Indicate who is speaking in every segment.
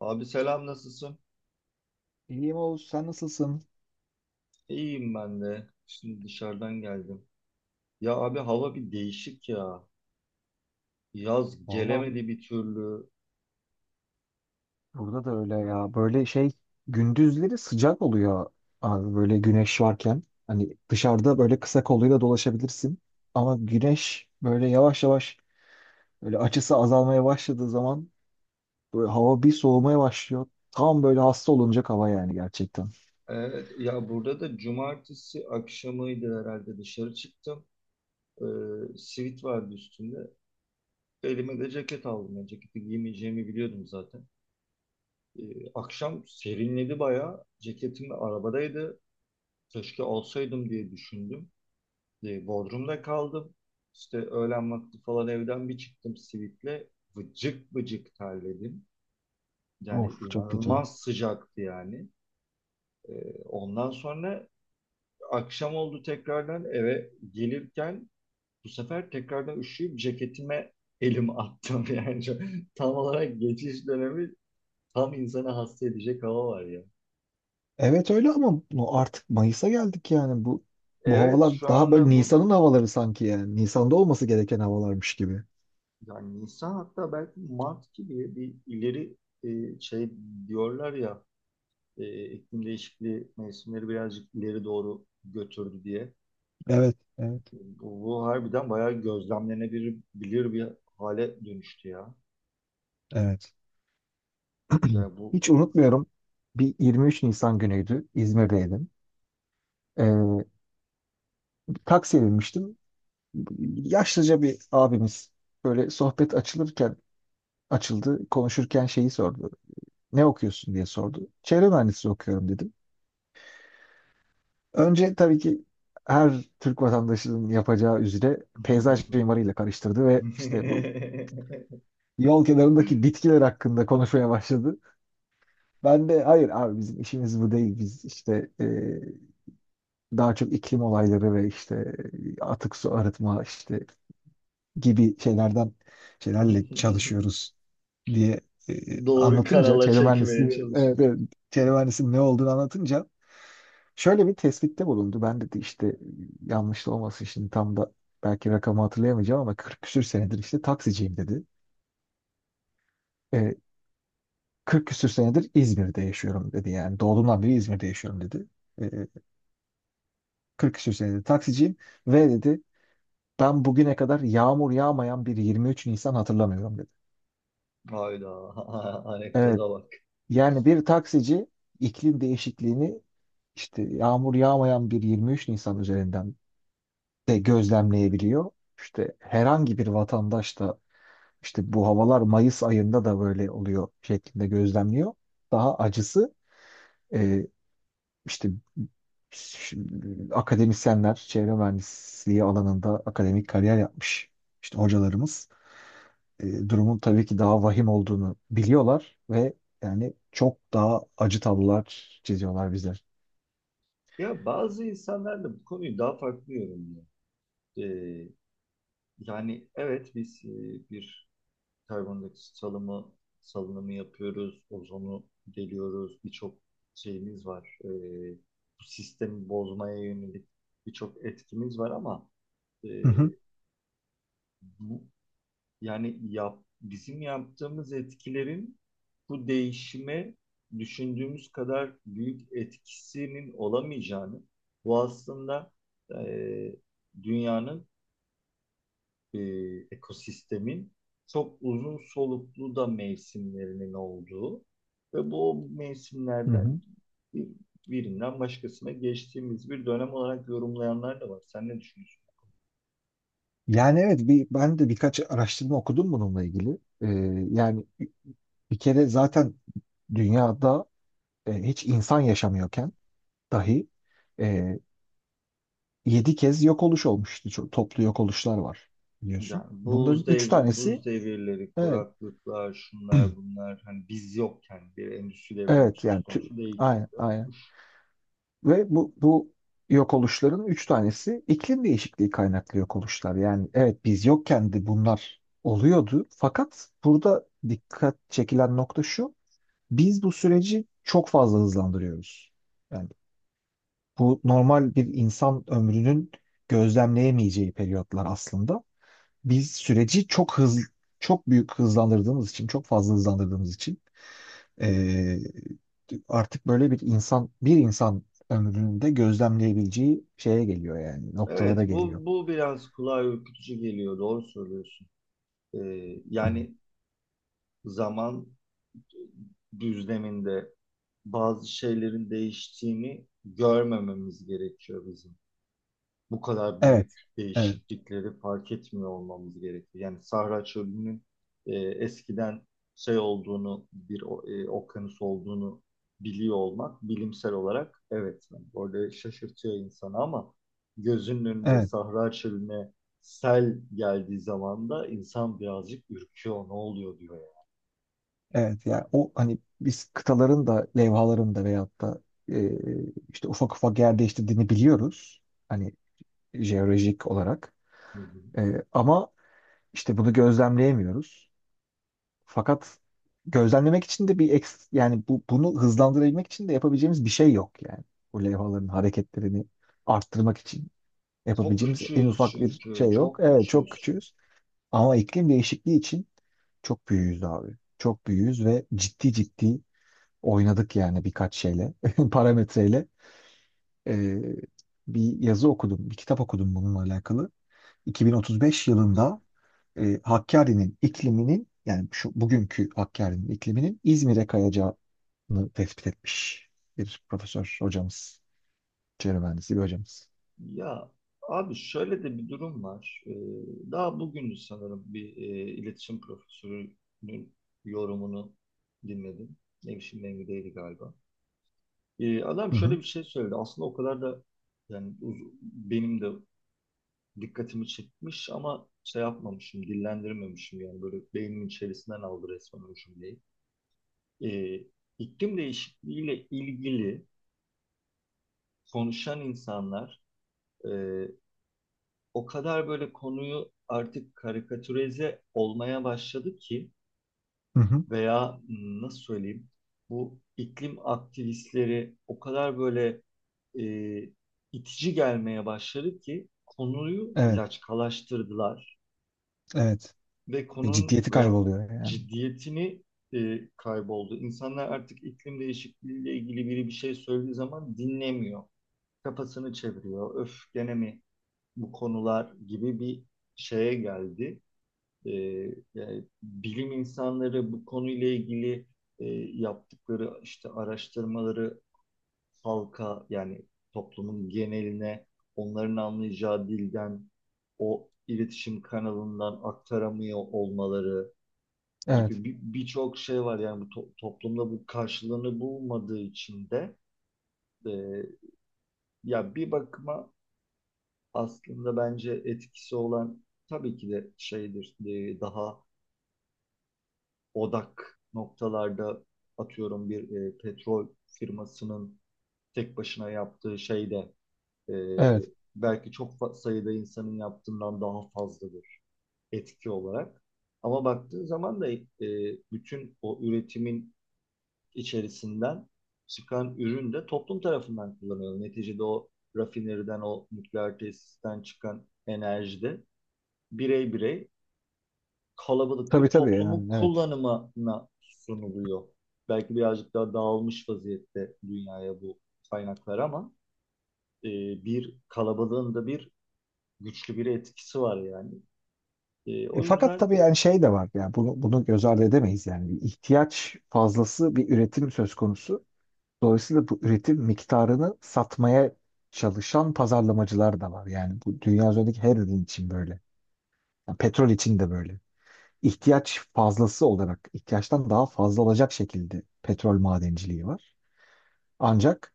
Speaker 1: Abi selam nasılsın?
Speaker 2: İyiyim Oğuz, sen nasılsın?
Speaker 1: İyiyim ben de. Şimdi dışarıdan geldim. Ya abi hava bir değişik ya. Yaz
Speaker 2: Valla
Speaker 1: gelemedi bir türlü.
Speaker 2: burada da öyle
Speaker 1: Yani,
Speaker 2: ya. Böyle şey gündüzleri sıcak oluyor abi böyle güneş varken. Hani dışarıda böyle kısa kolluyla dolaşabilirsin. Ama güneş böyle yavaş yavaş böyle açısı azalmaya başladığı zaman böyle hava bir soğumaya başlıyor. Tam böyle hasta olunacak hava yani gerçekten.
Speaker 1: evet ya burada da cumartesi akşamıydı herhalde dışarı çıktım. Sivit vardı üstünde. Elime de ceket aldım. Yani ceketi giymeyeceğimi biliyordum zaten. Ee, akşam serinledi bayağı. Ceketim de arabadaydı. Keşke alsaydım diye düşündüm. Bodrum'da kaldım. İşte öğlen vakti falan evden bir çıktım Simit'le. Vıcık vıcık terledim. Yani
Speaker 2: Of, çok kötü.
Speaker 1: inanılmaz sıcaktı yani. E, ondan sonra akşam oldu tekrardan eve gelirken bu sefer tekrardan üşüyüp ceketime elim attım. Yani tam olarak geçiş dönemi tam insana hasta edecek hava var ya.
Speaker 2: Evet öyle, ama bu artık Mayıs'a geldik yani bu
Speaker 1: Evet
Speaker 2: havalar
Speaker 1: şu
Speaker 2: daha böyle
Speaker 1: anda bu
Speaker 2: Nisan'ın havaları sanki yani. Nisan'da olması gereken havalarmış gibi.
Speaker 1: yani Nisan hatta belki Mart gibi bir ileri şey diyorlar ya, iklim değişikliği mevsimleri birazcık ileri doğru götürdü diye.
Speaker 2: Evet, evet,
Speaker 1: Bu harbiden bayağı gözlemlenebilir bir hale dönüştü ya.
Speaker 2: evet.
Speaker 1: Yani bu
Speaker 2: Hiç unutmuyorum. Bir 23 Nisan günüydü. İzmir'deydim. Ee, Taksiye binmiştim. Yaşlıca bir abimiz böyle sohbet açılırken açıldı. Konuşurken şeyi sordu. Ne okuyorsun diye sordu. Çevre mühendisliği okuyorum dedim. Önce tabii ki her Türk vatandaşının yapacağı üzere peyzaj mimarıyla karıştırdı ve işte bu yol kenarındaki bitkiler hakkında konuşmaya başladı. Ben de hayır abi bizim işimiz bu değil. Biz işte daha çok iklim olayları ve işte atık su arıtma işte gibi şeylerden şeylerle çalışıyoruz diye e,
Speaker 1: doğru
Speaker 2: anlatınca,
Speaker 1: kanala
Speaker 2: çevre
Speaker 1: çekmeye
Speaker 2: mühendisliği, evet,
Speaker 1: çalışınca.
Speaker 2: evet, çevre mühendisliğinin ne olduğunu anlatınca şöyle bir tespitte bulundu. Ben dedi işte, yanlış da olmasın şimdi, tam da belki rakamı hatırlayamayacağım ama 40 küsür senedir işte taksiciyim dedi. E, 40 küsür senedir İzmir'de yaşıyorum dedi, yani doğduğumdan beri İzmir'de yaşıyorum dedi. E, 40 küsür senedir taksiciyim ve dedi, ben bugüne kadar yağmur yağmayan bir 23 Nisan hatırlamıyorum dedi.
Speaker 1: Hayda,
Speaker 2: Evet.
Speaker 1: anekdota bak.
Speaker 2: Yani bir taksici iklim değişikliğini işte yağmur yağmayan bir 23 Nisan üzerinden de gözlemleyebiliyor. İşte herhangi bir vatandaş da işte bu havalar Mayıs ayında da böyle oluyor şeklinde gözlemliyor. Daha acısı e, işte ş- akademisyenler, çevre mühendisliği alanında akademik kariyer yapmış işte hocalarımız. Durumun tabii ki daha vahim olduğunu biliyorlar ve yani çok daha acı tablolar çiziyorlar bizler.
Speaker 1: Ya bazı insanlar da bu konuyu daha farklı yorumluyor. Ee, yani evet biz, bir karbondioksit salımı salınımı yapıyoruz, ozonu deliyoruz, birçok şeyimiz var. Bu sistemi bozmaya yönelik birçok etkimiz var ama e,
Speaker 2: Hı hı.
Speaker 1: bu yani bizim yaptığımız etkilerin bu değişime düşündüğümüz kadar büyük etkisinin olamayacağını, bu aslında, e, dünyanın, e, ekosistemin çok uzun soluklu da mevsimlerinin olduğu ve bu
Speaker 2: Hı
Speaker 1: mevsimlerden
Speaker 2: hı.
Speaker 1: bir- birinden başkasına geçtiğimiz bir dönem olarak yorumlayanlar da var. Sen ne düşünüyorsun?
Speaker 2: Yani evet, ben de birkaç araştırma okudum bununla ilgili. Yani bir kere zaten dünyada hiç insan yaşamıyorken dahi e, 7 kez yok oluş olmuş. İşte çok toplu yok oluşlar var biliyorsun.
Speaker 1: Yani
Speaker 2: Bunların
Speaker 1: buz
Speaker 2: üç
Speaker 1: devri,
Speaker 2: tanesi
Speaker 1: buz devirleri,
Speaker 2: evet,
Speaker 1: kuraklıklar, şunlar bunlar hani biz yokken, bir endüstri devrimi
Speaker 2: evet
Speaker 1: söz
Speaker 2: yani
Speaker 1: konusu değilken
Speaker 2: aynen
Speaker 1: de
Speaker 2: aynen.
Speaker 1: olmuş.
Speaker 2: Ve bu yok oluşların 3 tanesi iklim değişikliği kaynaklı yok oluşlar. Yani evet, biz yokken de bunlar oluyordu. Fakat burada dikkat çekilen nokta şu. Biz bu süreci çok fazla hızlandırıyoruz. Yani bu normal bir insan ömrünün gözlemleyemeyeceği periyotlar aslında. Biz süreci çok hızlı, çok büyük hızlandırdığımız için, çok fazla hızlandırdığımız için eee, artık böyle bir insan ömründe gözlemleyebileceği şeye geliyor, yani noktalara
Speaker 1: Evet
Speaker 2: geliyor.
Speaker 1: bu biraz kulağa ürkütücü geliyor, doğru söylüyorsun. Yani zaman düzleminde bazı şeylerin değiştiğini görmememiz gerekiyor bizim. Bu kadar büyük
Speaker 2: Evet. Evet.
Speaker 1: değişiklikleri fark etmiyor olmamız gerekiyor. Yani Sahra Çölü'nün, eskiden şey olduğunu, bir okyanus olduğunu biliyor olmak bilimsel olarak, evet. Yani orada şaşırtıyor insanı ama gözünün önünde
Speaker 2: Evet.
Speaker 1: Sahra Çölü'ne sel geldiği zaman da insan birazcık ürküyor. Ne oluyor diyor yani.
Speaker 2: Evet. Yani o, hani biz kıtaların da levhaların da veyahut da e, işte ufak ufak yer değiştirdiğini biliyoruz. Hani jeolojik olarak.
Speaker 1: Hı hı.
Speaker 2: Ama işte bunu gözlemleyemiyoruz. Fakat gözlemlemek için de bir yani bunu hızlandırabilmek için de yapabileceğimiz bir şey yok yani. Bu levhaların hareketlerini arttırmak için
Speaker 1: Çok
Speaker 2: yapabileceğimiz en
Speaker 1: küçüğüz
Speaker 2: ufak bir
Speaker 1: çünkü.
Speaker 2: şey yok.
Speaker 1: Çok
Speaker 2: Evet, çok
Speaker 1: küçüğüz çünkü.
Speaker 2: küçüğüz, ama iklim değişikliği için çok büyüğüz abi. Çok büyüğüz ve ciddi ciddi oynadık yani birkaç şeyle, parametreyle. Ee, Bir yazı okudum, bir kitap okudum bununla alakalı. 2035 yılında Hakkari'nin ikliminin, yani şu bugünkü Hakkari'nin ikliminin İzmir'e kayacağını tespit etmiş bir profesör hocamız, çevre mühendisi bir hocamız.
Speaker 1: Ya abi şöyle de bir durum var. Daha bugün sanırım bir, iletişim profesörünün yorumunu dinledim. Nevşin Mengü'deydi galiba. Adam
Speaker 2: Hı
Speaker 1: şöyle
Speaker 2: hı,
Speaker 1: bir şey söyledi. Aslında o kadar da yani benim de dikkatimi çekmiş ama şey yapmamışım, dillendirmemişim yani, böyle beynimin içerisinden aldı resmen o cümleyi. Ee, iklim değişikliğiyle ilgili konuşan insanlar, e, o kadar böyle konuyu artık karikatürize olmaya başladı ki
Speaker 2: hı hı.
Speaker 1: veya nasıl söyleyeyim, bu iklim aktivistleri o kadar böyle, e, itici gelmeye başladı ki konuyu
Speaker 2: Evet,
Speaker 1: laçkalaştırdılar
Speaker 2: evet.
Speaker 1: ve konunun
Speaker 2: Ciddiyeti
Speaker 1: veya
Speaker 2: kayboluyor yani.
Speaker 1: ciddiyetini kayboldu. İnsanlar artık iklim değişikliğiyle ilgili biri bir şey söylediği zaman dinlemiyor. Kafasını çeviriyor. Öf, gene mi bu konular gibi bir şeye geldi. e, Yani bilim insanları bu konuyla ilgili, e, yaptıkları işte araştırmaları halka, yani toplumun geneline onların anlayacağı dilden o iletişim kanalından aktaramıyor olmaları
Speaker 2: Evet,
Speaker 1: gibi birçok şey var yani, bu toplumda bu karşılığını bulmadığı için de, e, ya bir bakıma aslında bence etkisi olan tabii ki de şeydir, daha odak noktalarda atıyorum bir, petrol firmasının tek başına yaptığı şey de, e,
Speaker 2: evet.
Speaker 1: belki çok sayıda insanın yaptığından daha fazladır etki olarak. Ama baktığın zaman da, bütün o üretimin içerisinden çıkan ürün de toplum tarafından kullanılıyor. Neticede o rafineriden, o nükleer tesisten çıkan enerji de birey birey kalabalık
Speaker 2: Tabii
Speaker 1: bir
Speaker 2: tabii,
Speaker 1: toplumun
Speaker 2: yani evet.
Speaker 1: kullanımına sunuluyor. Belki birazcık daha dağılmış vaziyette dünyaya bu kaynaklar ama, e, bir kalabalığın da bir güçlü bir etkisi var yani. O
Speaker 2: Fakat
Speaker 1: yüzden
Speaker 2: tabii yani şey de var yani, bunu göz ardı edemeyiz yani, bir ihtiyaç fazlası bir üretim söz konusu. Dolayısıyla bu üretim miktarını satmaya çalışan pazarlamacılar da var. Yani bu dünya üzerindeki her ürün için böyle. Yani petrol için de böyle. İhtiyaç fazlası olarak, ihtiyaçtan daha fazla olacak şekilde petrol madenciliği var. Ancak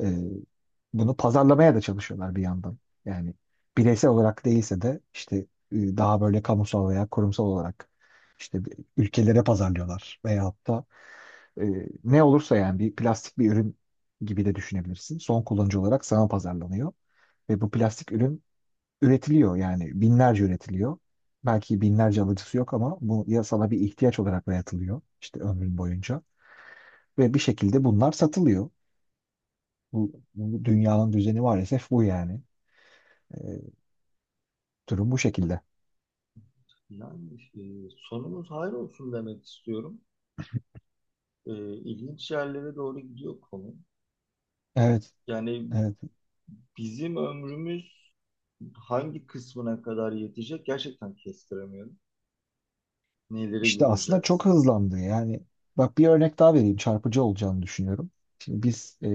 Speaker 2: e, bunu pazarlamaya da çalışıyorlar bir yandan. Yani bireysel olarak değilse de işte daha böyle kamusal veya kurumsal olarak işte ülkelere pazarlıyorlar. Veyahut da e, ne olursa yani bir plastik bir ürün gibi de düşünebilirsin. Son kullanıcı olarak sana pazarlanıyor. Ve bu plastik ürün üretiliyor, yani binlerce üretiliyor. Belki binlerce alıcısı yok ama bu ya sana bir ihtiyaç olarak dayatılıyor işte ömrün boyunca ve bir şekilde bunlar satılıyor. Bu dünyanın düzeni maalesef bu yani. Ee, Durum bu şekilde.
Speaker 1: yani, sonumuz hayır olsun demek istiyorum. E, ilginç yerlere doğru gidiyor konu.
Speaker 2: Evet,
Speaker 1: Yani
Speaker 2: evet.
Speaker 1: bizim ömrümüz hangi kısmına kadar yetecek gerçekten kestiremiyorum. Neleri
Speaker 2: İşte aslında çok
Speaker 1: göreceğiz?
Speaker 2: hızlandı yani. Bak bir örnek daha vereyim, çarpıcı olacağını düşünüyorum. Şimdi biz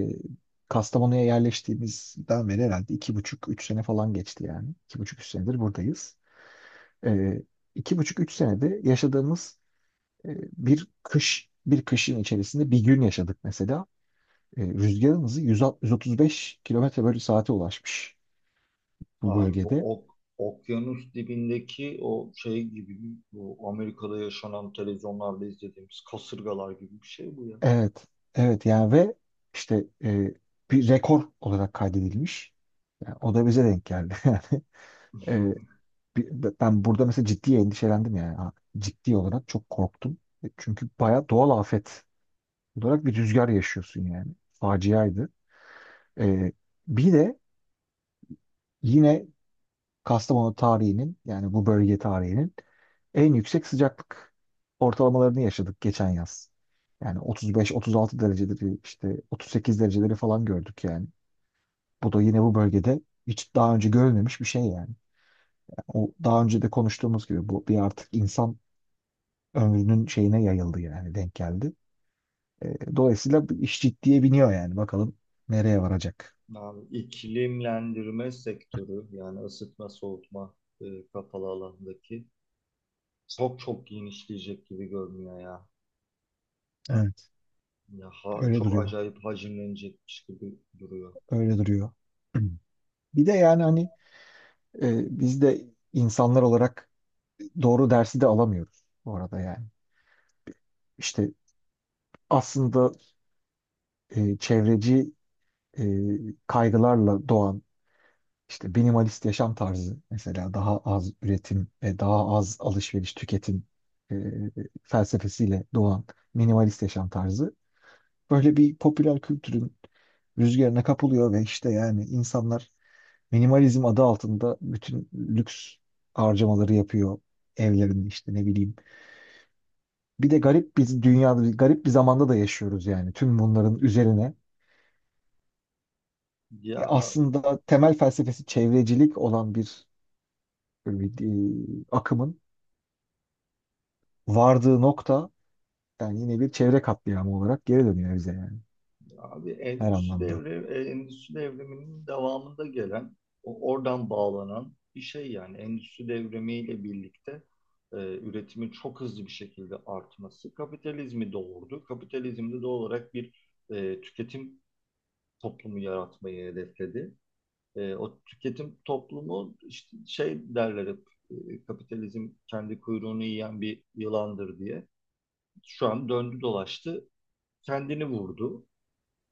Speaker 2: Kastamonu'ya yerleştiğimizden beri herhalde iki buçuk, üç sene falan geçti yani. İki buçuk, üç senedir buradayız. Ee, iki buçuk, üç senede yaşadığımız, bir kışın içerisinde bir gün yaşadık mesela. Rüzgarın hızı 160 135 kilometre bölü saate ulaşmış bu
Speaker 1: Abi bu
Speaker 2: bölgede.
Speaker 1: okyanus dibindeki o şey gibi, bu Amerika'da yaşanan, televizyonlarda izlediğimiz kasırgalar gibi bir şey bu ya.
Speaker 2: Evet, evet, yani ve işte bir rekor olarak kaydedilmiş. Yani o da bize denk geldi. Yani, ben burada mesela ciddi endişelendim yani. Ha, ciddi olarak çok korktum. Çünkü bayağı doğal afet olarak bir rüzgar yaşıyorsun yani. Faciaydı. E, Bir de yine Kastamonu tarihinin, yani bu bölge tarihinin en yüksek sıcaklık ortalamalarını yaşadık geçen yaz. Yani 35-36 dereceleri, işte 38 dereceleri falan gördük yani. Bu da yine bu bölgede hiç daha önce görülmemiş bir şey yani. Yani o, daha önce de konuştuğumuz gibi, bu bir artık insan ömrünün şeyine yayıldı yani, denk geldi. Dolayısıyla bu iş ciddiye biniyor yani, bakalım nereye varacak.
Speaker 1: Abi, iklimlendirme sektörü, yani ısıtma soğutma, kapalı alandaki, çok çok genişleyecek gibi görünüyor ya.
Speaker 2: Evet,
Speaker 1: Ya
Speaker 2: öyle
Speaker 1: çok
Speaker 2: duruyor.
Speaker 1: acayip hacimlenecekmiş gibi duruyor.
Speaker 2: Öyle duruyor. Bir de yani hani biz de insanlar olarak doğru dersi de alamıyoruz bu arada yani. İşte aslında çevreci e, kaygılarla doğan işte minimalist yaşam tarzı, mesela daha az üretim ve daha az alışveriş, tüketim e, felsefesiyle doğan minimalist yaşam tarzı böyle bir popüler kültürün rüzgarına kapılıyor ve işte yani insanlar minimalizm adı altında bütün lüks harcamaları yapıyor evlerinde işte ne bileyim. Bir de garip, biz dünyada garip bir zamanda da yaşıyoruz yani, tüm bunların üzerine
Speaker 1: Ya
Speaker 2: aslında temel felsefesi çevrecilik olan bir, e, e, akımın vardığı nokta, yani yine bir çevre katliamı olarak geri dönüyor bize yani,
Speaker 1: abi,
Speaker 2: her anlamda.
Speaker 1: endüstri devriminin devamında gelen, oradan bağlanan bir şey yani, endüstri devrimiyle birlikte, üretimin çok hızlı bir şekilde artması kapitalizmi doğurdu. Kapitalizm de doğal olarak bir, tüketim toplumu yaratmayı hedefledi. O tüketim toplumu işte şey derler hep, kapitalizm kendi kuyruğunu yiyen bir yılandır diye. Şu an döndü dolaştı, kendini vurdu.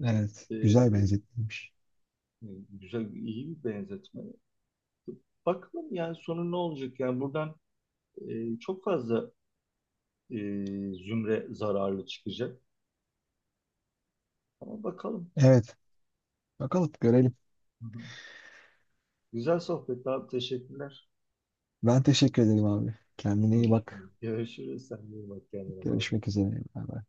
Speaker 2: Evet, güzel
Speaker 1: E,
Speaker 2: benzetilmiş.
Speaker 1: Güzel, iyi bir benzetme. Bakalım yani sonu ne olacak? Yani buradan, çok fazla, e, zümre zararlı çıkacak. Ama bakalım.
Speaker 2: Evet, bakalım görelim.
Speaker 1: Hı hı. Güzel sohbet abi. Teşekkürler.
Speaker 2: Ben teşekkür ederim abi. Kendine iyi
Speaker 1: Hı.
Speaker 2: bak.
Speaker 1: Görüşürüz. Sen de iyi bak kendine. Bay bay.
Speaker 2: Görüşmek üzere. Bay bay.